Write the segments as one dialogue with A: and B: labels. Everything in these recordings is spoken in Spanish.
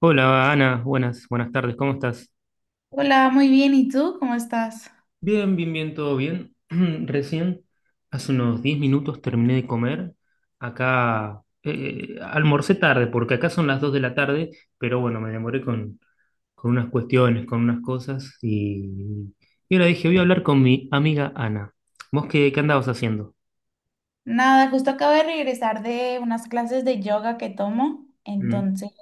A: Hola Ana, buenas, buenas tardes, ¿cómo estás?
B: Hola, muy bien. ¿Y tú? ¿Cómo estás?
A: Bien, bien, bien, todo bien. Recién, hace unos 10 minutos terminé de comer. Acá almorcé tarde, porque acá son las 2 de la tarde, pero bueno, me demoré con unas cuestiones, con unas cosas, y ahora dije, voy a hablar con mi amiga Ana. ¿Vos qué andabas haciendo?
B: Nada, justo acabo de regresar de unas clases de yoga que tomo.
A: Mm,
B: Entonces,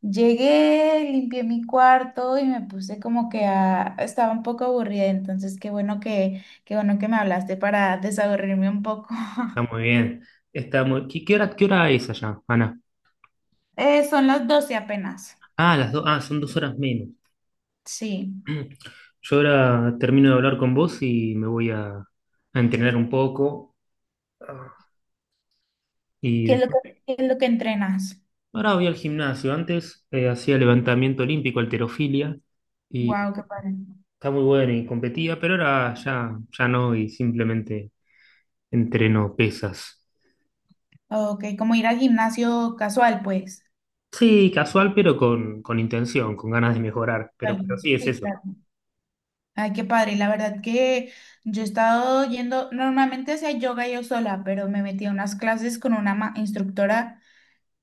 B: llegué, limpié mi cuarto y me puse como que a estaba un poco aburrida. Entonces, qué bueno que me hablaste para desaburrirme un poco.
A: está muy bien. Está muy... ¿Qué, qué hora es allá, Ana?
B: Son las 12 apenas.
A: Ah, las dos, ah, son 2 horas menos.
B: Sí.
A: Yo ahora termino de hablar con vos y me voy a entrenar un poco. Y
B: ¿Qué es lo
A: después,
B: que, qué es lo que entrenas?
A: ahora voy al gimnasio. Antes hacía levantamiento olímpico, halterofilia, y
B: Wow, qué padre.
A: está muy bueno y competía, pero ahora ya no, y simplemente entreno pesas.
B: Ok, como ir al gimnasio casual, pues.
A: Sí, casual, pero con intención, con ganas de mejorar.
B: Vale.
A: Pero sí es
B: Sí,
A: eso.
B: claro. Ay, qué padre. La verdad que yo he estado yendo, normalmente hacía yoga yo sola, pero me metí a unas clases con una instructora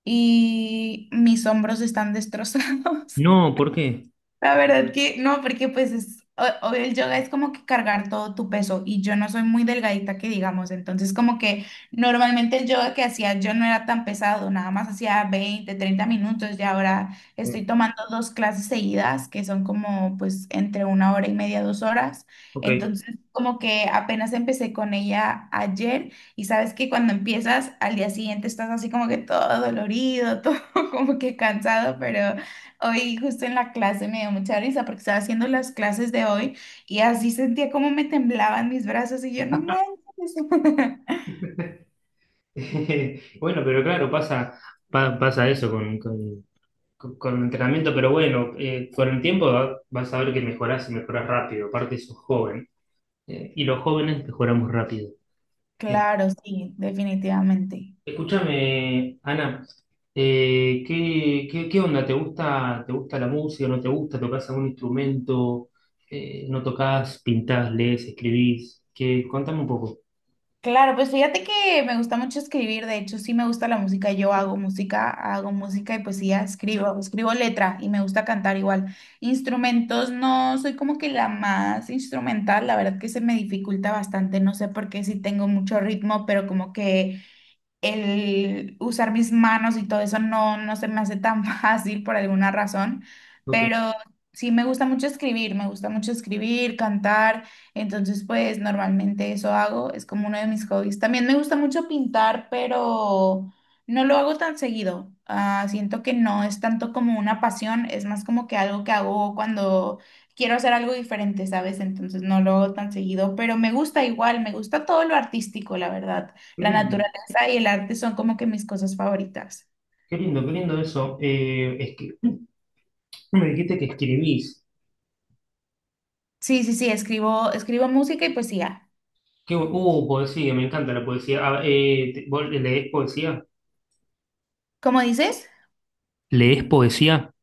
B: y mis hombros están destrozados.
A: No, ¿por qué?
B: La verdad que no, porque pues es, o el yoga es como que cargar todo tu peso y yo no soy muy delgadita que digamos, entonces como que normalmente el yoga que hacía yo no era tan pesado, nada más hacía 20 30 minutos y ahora
A: Eh,
B: estoy tomando dos clases seguidas que son como pues entre una hora y media, 2 horas,
A: ok.
B: entonces como que apenas empecé con ella ayer y sabes que cuando empiezas al día siguiente estás así como que todo dolorido, todo como que cansado. Hoy justo en la clase me dio mucha risa porque estaba haciendo las clases de hoy y así sentía como me temblaban mis brazos y yo no manches.
A: Bueno, pero claro, pasa, pasa eso con entrenamiento, pero bueno, con el tiempo vas a ver que mejorás y mejorás rápido, aparte sos joven, y los jóvenes mejoramos rápido. Eh,
B: Claro, sí, definitivamente.
A: escúchame, Ana, ¿qué, qué onda? Te gusta la música? ¿No te gusta? ¿Tocás algún instrumento? ¿No tocás? ¿Pintás? ¿Lees? ¿Escribís? ¿Qué? Contame un poco.
B: Claro, pues fíjate que me gusta mucho escribir, de hecho sí me gusta la música, yo hago música y poesía, escribo, escribo letra y me gusta cantar igual. Instrumentos no soy como que la más instrumental, la verdad que se me dificulta bastante, no sé por qué sí tengo mucho ritmo, pero como que el usar mis manos y todo eso no, no se me hace tan fácil por alguna razón,
A: Ok,
B: pero sí me gusta mucho escribir, me gusta mucho escribir, cantar, entonces pues normalmente eso hago, es como uno de mis hobbies. También me gusta mucho pintar, pero no lo hago tan seguido. Ah, siento que no es tanto como una pasión, es más como que algo que hago cuando quiero hacer algo diferente, ¿sabes? Entonces no lo hago tan seguido, pero me gusta igual, me gusta todo lo artístico, la verdad.
A: qué
B: La
A: lindo,
B: naturaleza danza y el arte son como que mis cosas favoritas.
A: qué lindo, qué lindo eso. Es que me dijiste que escribís.
B: Sí, sí, sí, escribo, escribo música y poesía.
A: Poesía, me encanta la poesía. Ah, ¿vos lees poesía?
B: ¿Cómo dices?
A: ¿Lees poesía?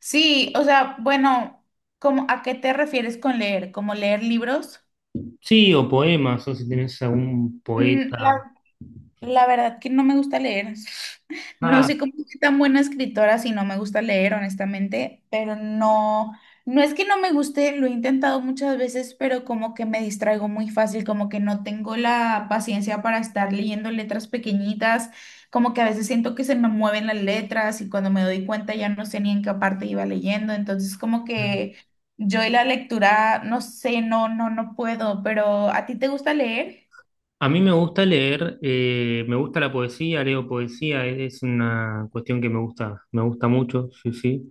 B: Sí, o sea, bueno, ¿cómo, a qué te refieres con leer? ¿Como leer libros?
A: Sí, o poemas, o si tenés algún
B: Mm,
A: poeta.
B: la verdad que no me gusta leer. No
A: Ah,
B: sé cómo soy tan buena escritora si no me gusta leer, honestamente, pero no, no es que no me guste, lo he intentado muchas veces, pero como que me distraigo muy fácil, como que no tengo la paciencia para estar leyendo letras pequeñitas, como que a veces siento que se me mueven las letras y cuando me doy cuenta ya no sé ni en qué parte iba leyendo, entonces como que yo y la lectura, no sé, no, no, no puedo, pero ¿a ti te gusta leer?
A: a mí me gusta leer, me gusta la poesía, leo poesía, es una cuestión que me gusta mucho, sí, sí.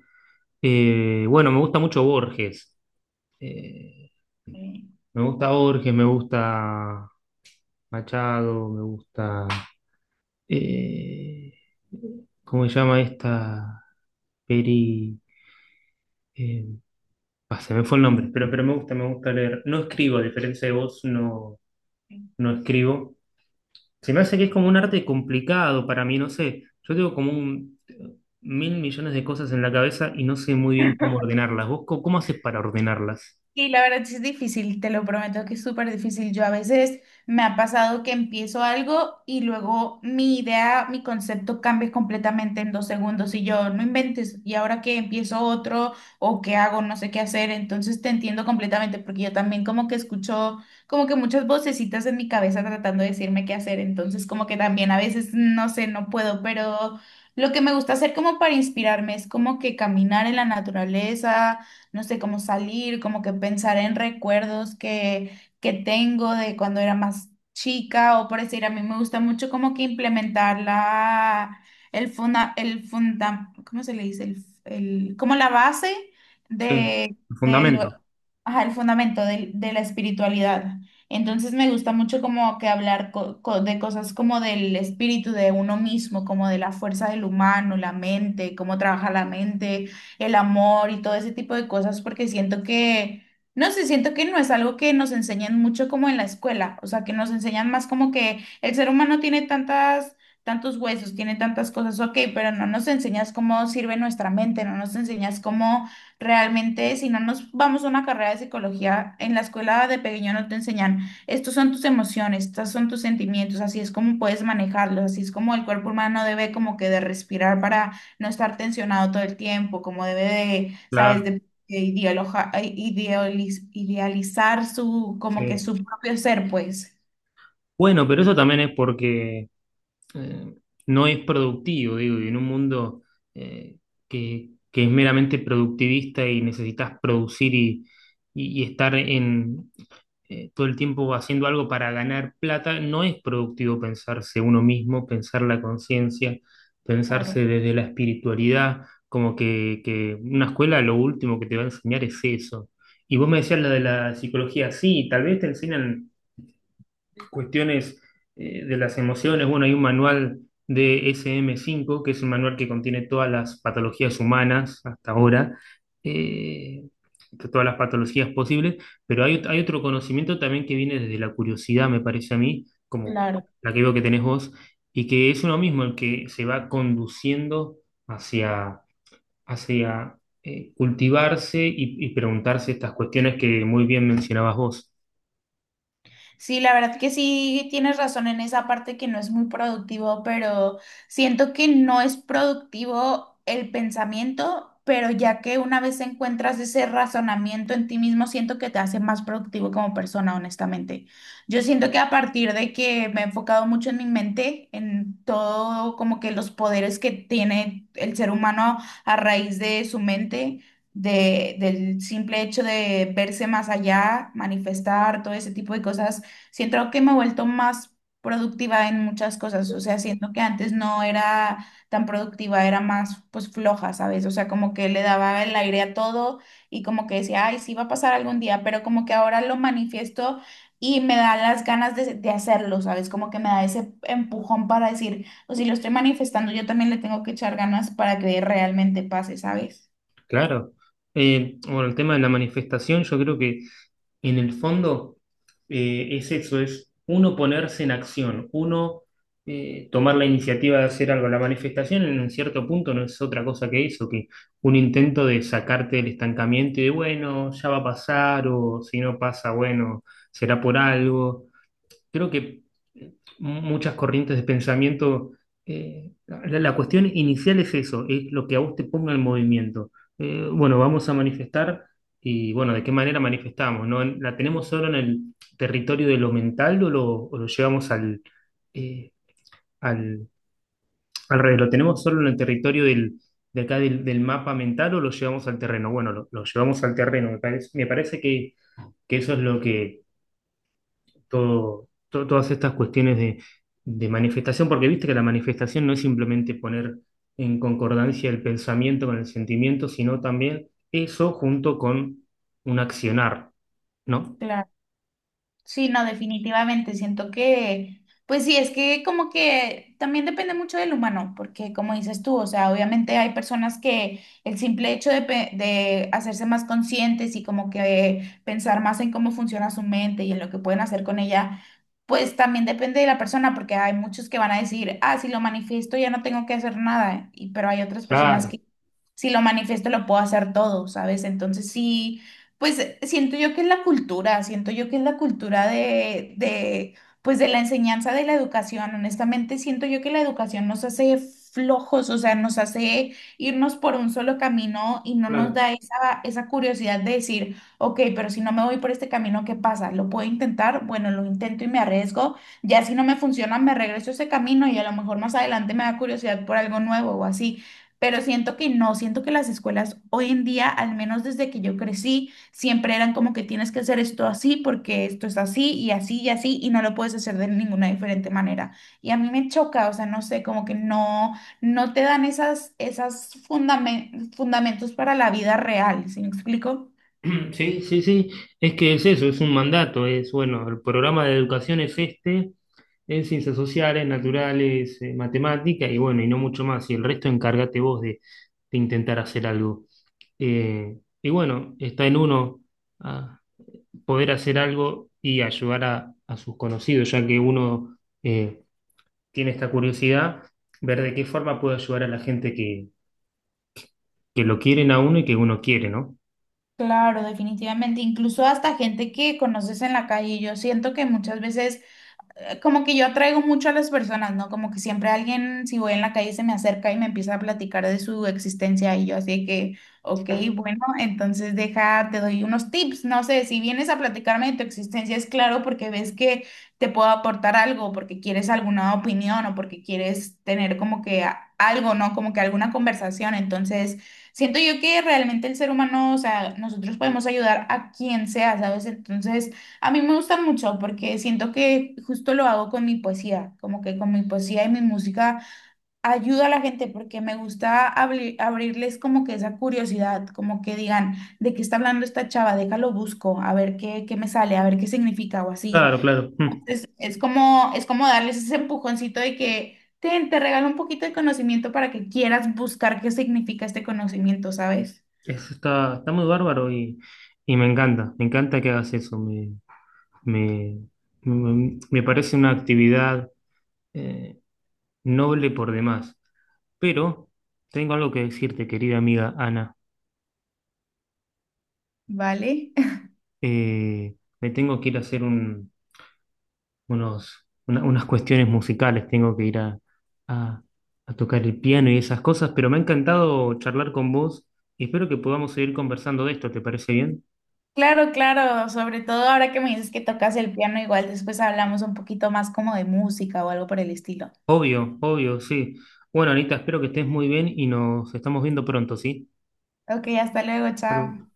A: Bueno, me gusta mucho Borges. Eh,
B: Sí.
A: me gusta Borges, me gusta Machado, me gusta. eh, ¿Cómo se llama esta? Peri. eh, Ah, se me fue el nombre, pero me gusta leer. No escribo, a diferencia de vos, no, no escribo. Se me hace que es como un arte complicado para mí, no sé. Yo tengo 1.000 millones de cosas en la cabeza y no sé muy bien cómo ordenarlas. ¿Vos cómo haces para ordenarlas?
B: Y la verdad sí es difícil, te lo prometo que es súper difícil. Yo a veces me ha pasado que empiezo algo y luego mi idea, mi concepto cambia completamente en 2 segundos y yo no inventes y ahora que empiezo otro o qué hago, no sé qué hacer. Entonces te entiendo completamente porque yo también como que escucho como que muchas vocecitas en mi cabeza tratando de decirme qué hacer. Entonces como que también a veces no sé, no puedo, pero lo que me gusta hacer como para inspirarme es como que caminar en la naturaleza, no sé, cómo salir, como que pensar en recuerdos que tengo de cuando era más chica o por decir, a mí me gusta mucho como que implementar la, el funda, ¿cómo se le dice? El, como la base
A: Sí,
B: de,
A: el
B: de lo-
A: fundamento,
B: ajá, el fundamento de, la espiritualidad. Entonces me gusta mucho como que hablar de cosas como del espíritu de uno mismo, como de la fuerza del humano, la mente, cómo trabaja la mente, el amor y todo ese tipo de cosas, porque siento que, no sé, siento que no es algo que nos enseñan mucho como en la escuela, o sea, que nos enseñan más como que el ser humano tiene tantas, tantos huesos, tiene tantas cosas, ok, pero no nos enseñas cómo sirve nuestra mente, no nos enseñas cómo realmente, si no nos vamos a una carrera de psicología, en la escuela de pequeño no te enseñan. Estos son tus emociones, estos son tus sentimientos, así es como puedes manejarlos, así es como el cuerpo humano debe como que de respirar para no estar tensionado todo el tiempo, como debe de, sabes,
A: claro.
B: de, de idealizar su, como que
A: Sí.
B: su propio ser, pues.
A: Bueno, pero eso también es porque eh, no es productivo, digo, y en un mundo eh, que es meramente productivista y necesitas producir y estar en, todo el tiempo haciendo algo para ganar plata, no es productivo pensarse uno mismo, pensar la conciencia,
B: Claro,
A: pensarse desde la espiritualidad, como que una escuela lo último que te va a enseñar es eso. Y vos me decías la de la psicología, sí, tal vez te enseñan cuestiones de las emociones. Bueno, hay un manual de SM 5 que es un manual que contiene todas las patologías humanas hasta ahora, eh, todas las patologías posibles, pero hay otro conocimiento también que viene desde la curiosidad, me parece a mí, como
B: claro.
A: la que veo que tenés vos, y que es uno mismo el que se va conduciendo hacia, hacia cultivarse y preguntarse estas cuestiones que muy bien mencionabas vos.
B: Sí, la verdad que sí tienes razón en esa parte que no es muy productivo, pero siento que no es productivo el pensamiento, pero ya que una vez encuentras ese razonamiento en ti mismo, siento que te hace más productivo como persona, honestamente. Yo siento que a partir de que me he enfocado mucho en mi mente, en todo como que los poderes que tiene el ser humano a raíz de su mente, del simple hecho de verse más allá, manifestar todo ese tipo de cosas. Siento que me he vuelto más productiva en muchas cosas, o sea, siento que antes no era tan productiva, era más pues floja, ¿sabes? O sea, como que le daba el aire a todo y como que decía, ay, sí va a pasar algún día, pero como que ahora lo manifiesto y me da las ganas de hacerlo, ¿sabes? Como que me da ese empujón para decir, o si lo estoy manifestando, yo también le tengo que echar ganas para que realmente pase, ¿sabes?
A: Claro. Bueno, el tema de la manifestación, yo creo que en el fondo es eso, es uno ponerse en acción, uno tomar la iniciativa de hacer algo. La manifestación en un cierto punto no es otra cosa que eso, que un intento de sacarte del estancamiento y de, bueno, ya va a pasar o si no pasa, bueno, será por algo. Creo que muchas corrientes de pensamiento, la cuestión inicial es eso, es lo que a vos te ponga en movimiento. Bueno, vamos a manifestar y bueno, ¿de qué manera manifestamos? ¿No? ¿La tenemos solo en el territorio de lo mental o lo llevamos al, eh, al, al revés? ¿Lo tenemos solo en el territorio del, de acá del, del mapa mental o lo llevamos al terreno? Bueno, lo llevamos al terreno, me parece que eso es lo que todo, todas estas cuestiones de manifestación, porque viste que la manifestación no es simplemente poner en concordancia el pensamiento con el sentimiento, sino también eso junto con un accionar, ¿no?
B: Claro. Sí, no, definitivamente. Siento que, pues sí, es que como que también depende mucho del humano, porque como dices tú, o sea, obviamente hay personas que el simple hecho de, de hacerse más conscientes y como que pensar más en cómo funciona su mente y en lo que pueden hacer con ella, pues también depende de la persona, porque hay muchos que van a decir, ah, si lo manifiesto ya no tengo que hacer nada, y, pero hay otras personas
A: Claro,
B: que si lo manifiesto lo puedo hacer todo, ¿sabes? Entonces sí. Pues siento yo que es la cultura, siento yo que es la cultura de, pues de la enseñanza de la educación. Honestamente, siento yo que la educación nos hace flojos, o sea, nos hace irnos por un solo camino y no nos
A: claro.
B: da esa, esa curiosidad de decir, ok, pero si no me voy por este camino, ¿qué pasa? ¿Lo puedo intentar? Bueno, lo intento y me arriesgo. Ya si no me funciona, me regreso a ese camino y a lo mejor más adelante me da curiosidad por algo nuevo o así. Pero siento que no, siento que las escuelas hoy en día, al menos desde que yo crecí, siempre eran como que tienes que hacer esto así porque esto es así y así y así y no lo puedes hacer de ninguna diferente manera. Y a mí me choca, o sea, no sé, como que no, no te dan esas, esas fundamentos para la vida real, ¿sí me explico?
A: Sí, sí, sí, es que es eso, es un mandato, es bueno, el programa de educación es este, en ciencias sociales, naturales, matemática y bueno, y no mucho más, y el resto encárgate vos de intentar hacer algo. Y bueno, está en uno ah, poder hacer algo y ayudar a sus conocidos, ya que uno tiene esta curiosidad, ver de qué forma puede ayudar a la gente que lo quieren a uno y que uno quiere, ¿no?
B: Claro, definitivamente. Incluso hasta gente que conoces en la calle, yo siento que muchas veces como que yo atraigo mucho a las personas, ¿no? Como que siempre alguien, si voy en la calle, se me acerca y me empieza a platicar de su existencia y yo así que, ok, bueno, entonces deja, te doy unos tips, no sé, si vienes a platicarme de tu existencia, es claro porque ves que te puedo aportar algo, porque quieres alguna opinión o porque quieres tener como que algo, ¿no? Como que alguna conversación, entonces. Siento yo que realmente el ser humano, o sea, nosotros podemos ayudar a quien sea, ¿sabes? Entonces, a mí me gusta mucho porque siento que justo lo hago con mi poesía, como que con mi poesía y mi música ayuda a la gente porque me gusta abrirles como que esa curiosidad, como que digan, ¿de qué está hablando esta chava? Déjalo busco, a ver qué me sale, a ver qué significa o así.
A: Claro, claro. Mm.
B: Es como darles ese empujoncito de que "Ten, te regalo un poquito de conocimiento para que quieras buscar qué significa este conocimiento", ¿sabes?
A: Eso está, está muy bárbaro y me encanta que hagas eso. Me, me parece una actividad eh, noble por demás. Pero tengo algo que decirte, querida amiga Ana.
B: ¿Vale?
A: Me tengo que ir a hacer unos, unas cuestiones musicales, tengo que ir a- a tocar el piano y esas cosas, pero me ha encantado charlar con vos y espero que podamos seguir conversando de esto, ¿te parece bien?
B: Claro, claro, sobre todo ahora que me dices que tocas el piano, igual después hablamos un poquito más como de música o algo por el estilo.
A: Obvio, obvio, sí. Bueno, Anita, espero que estés muy bien y nos estamos viendo pronto, ¿sí?
B: Ok, hasta luego,
A: Pero-
B: chao.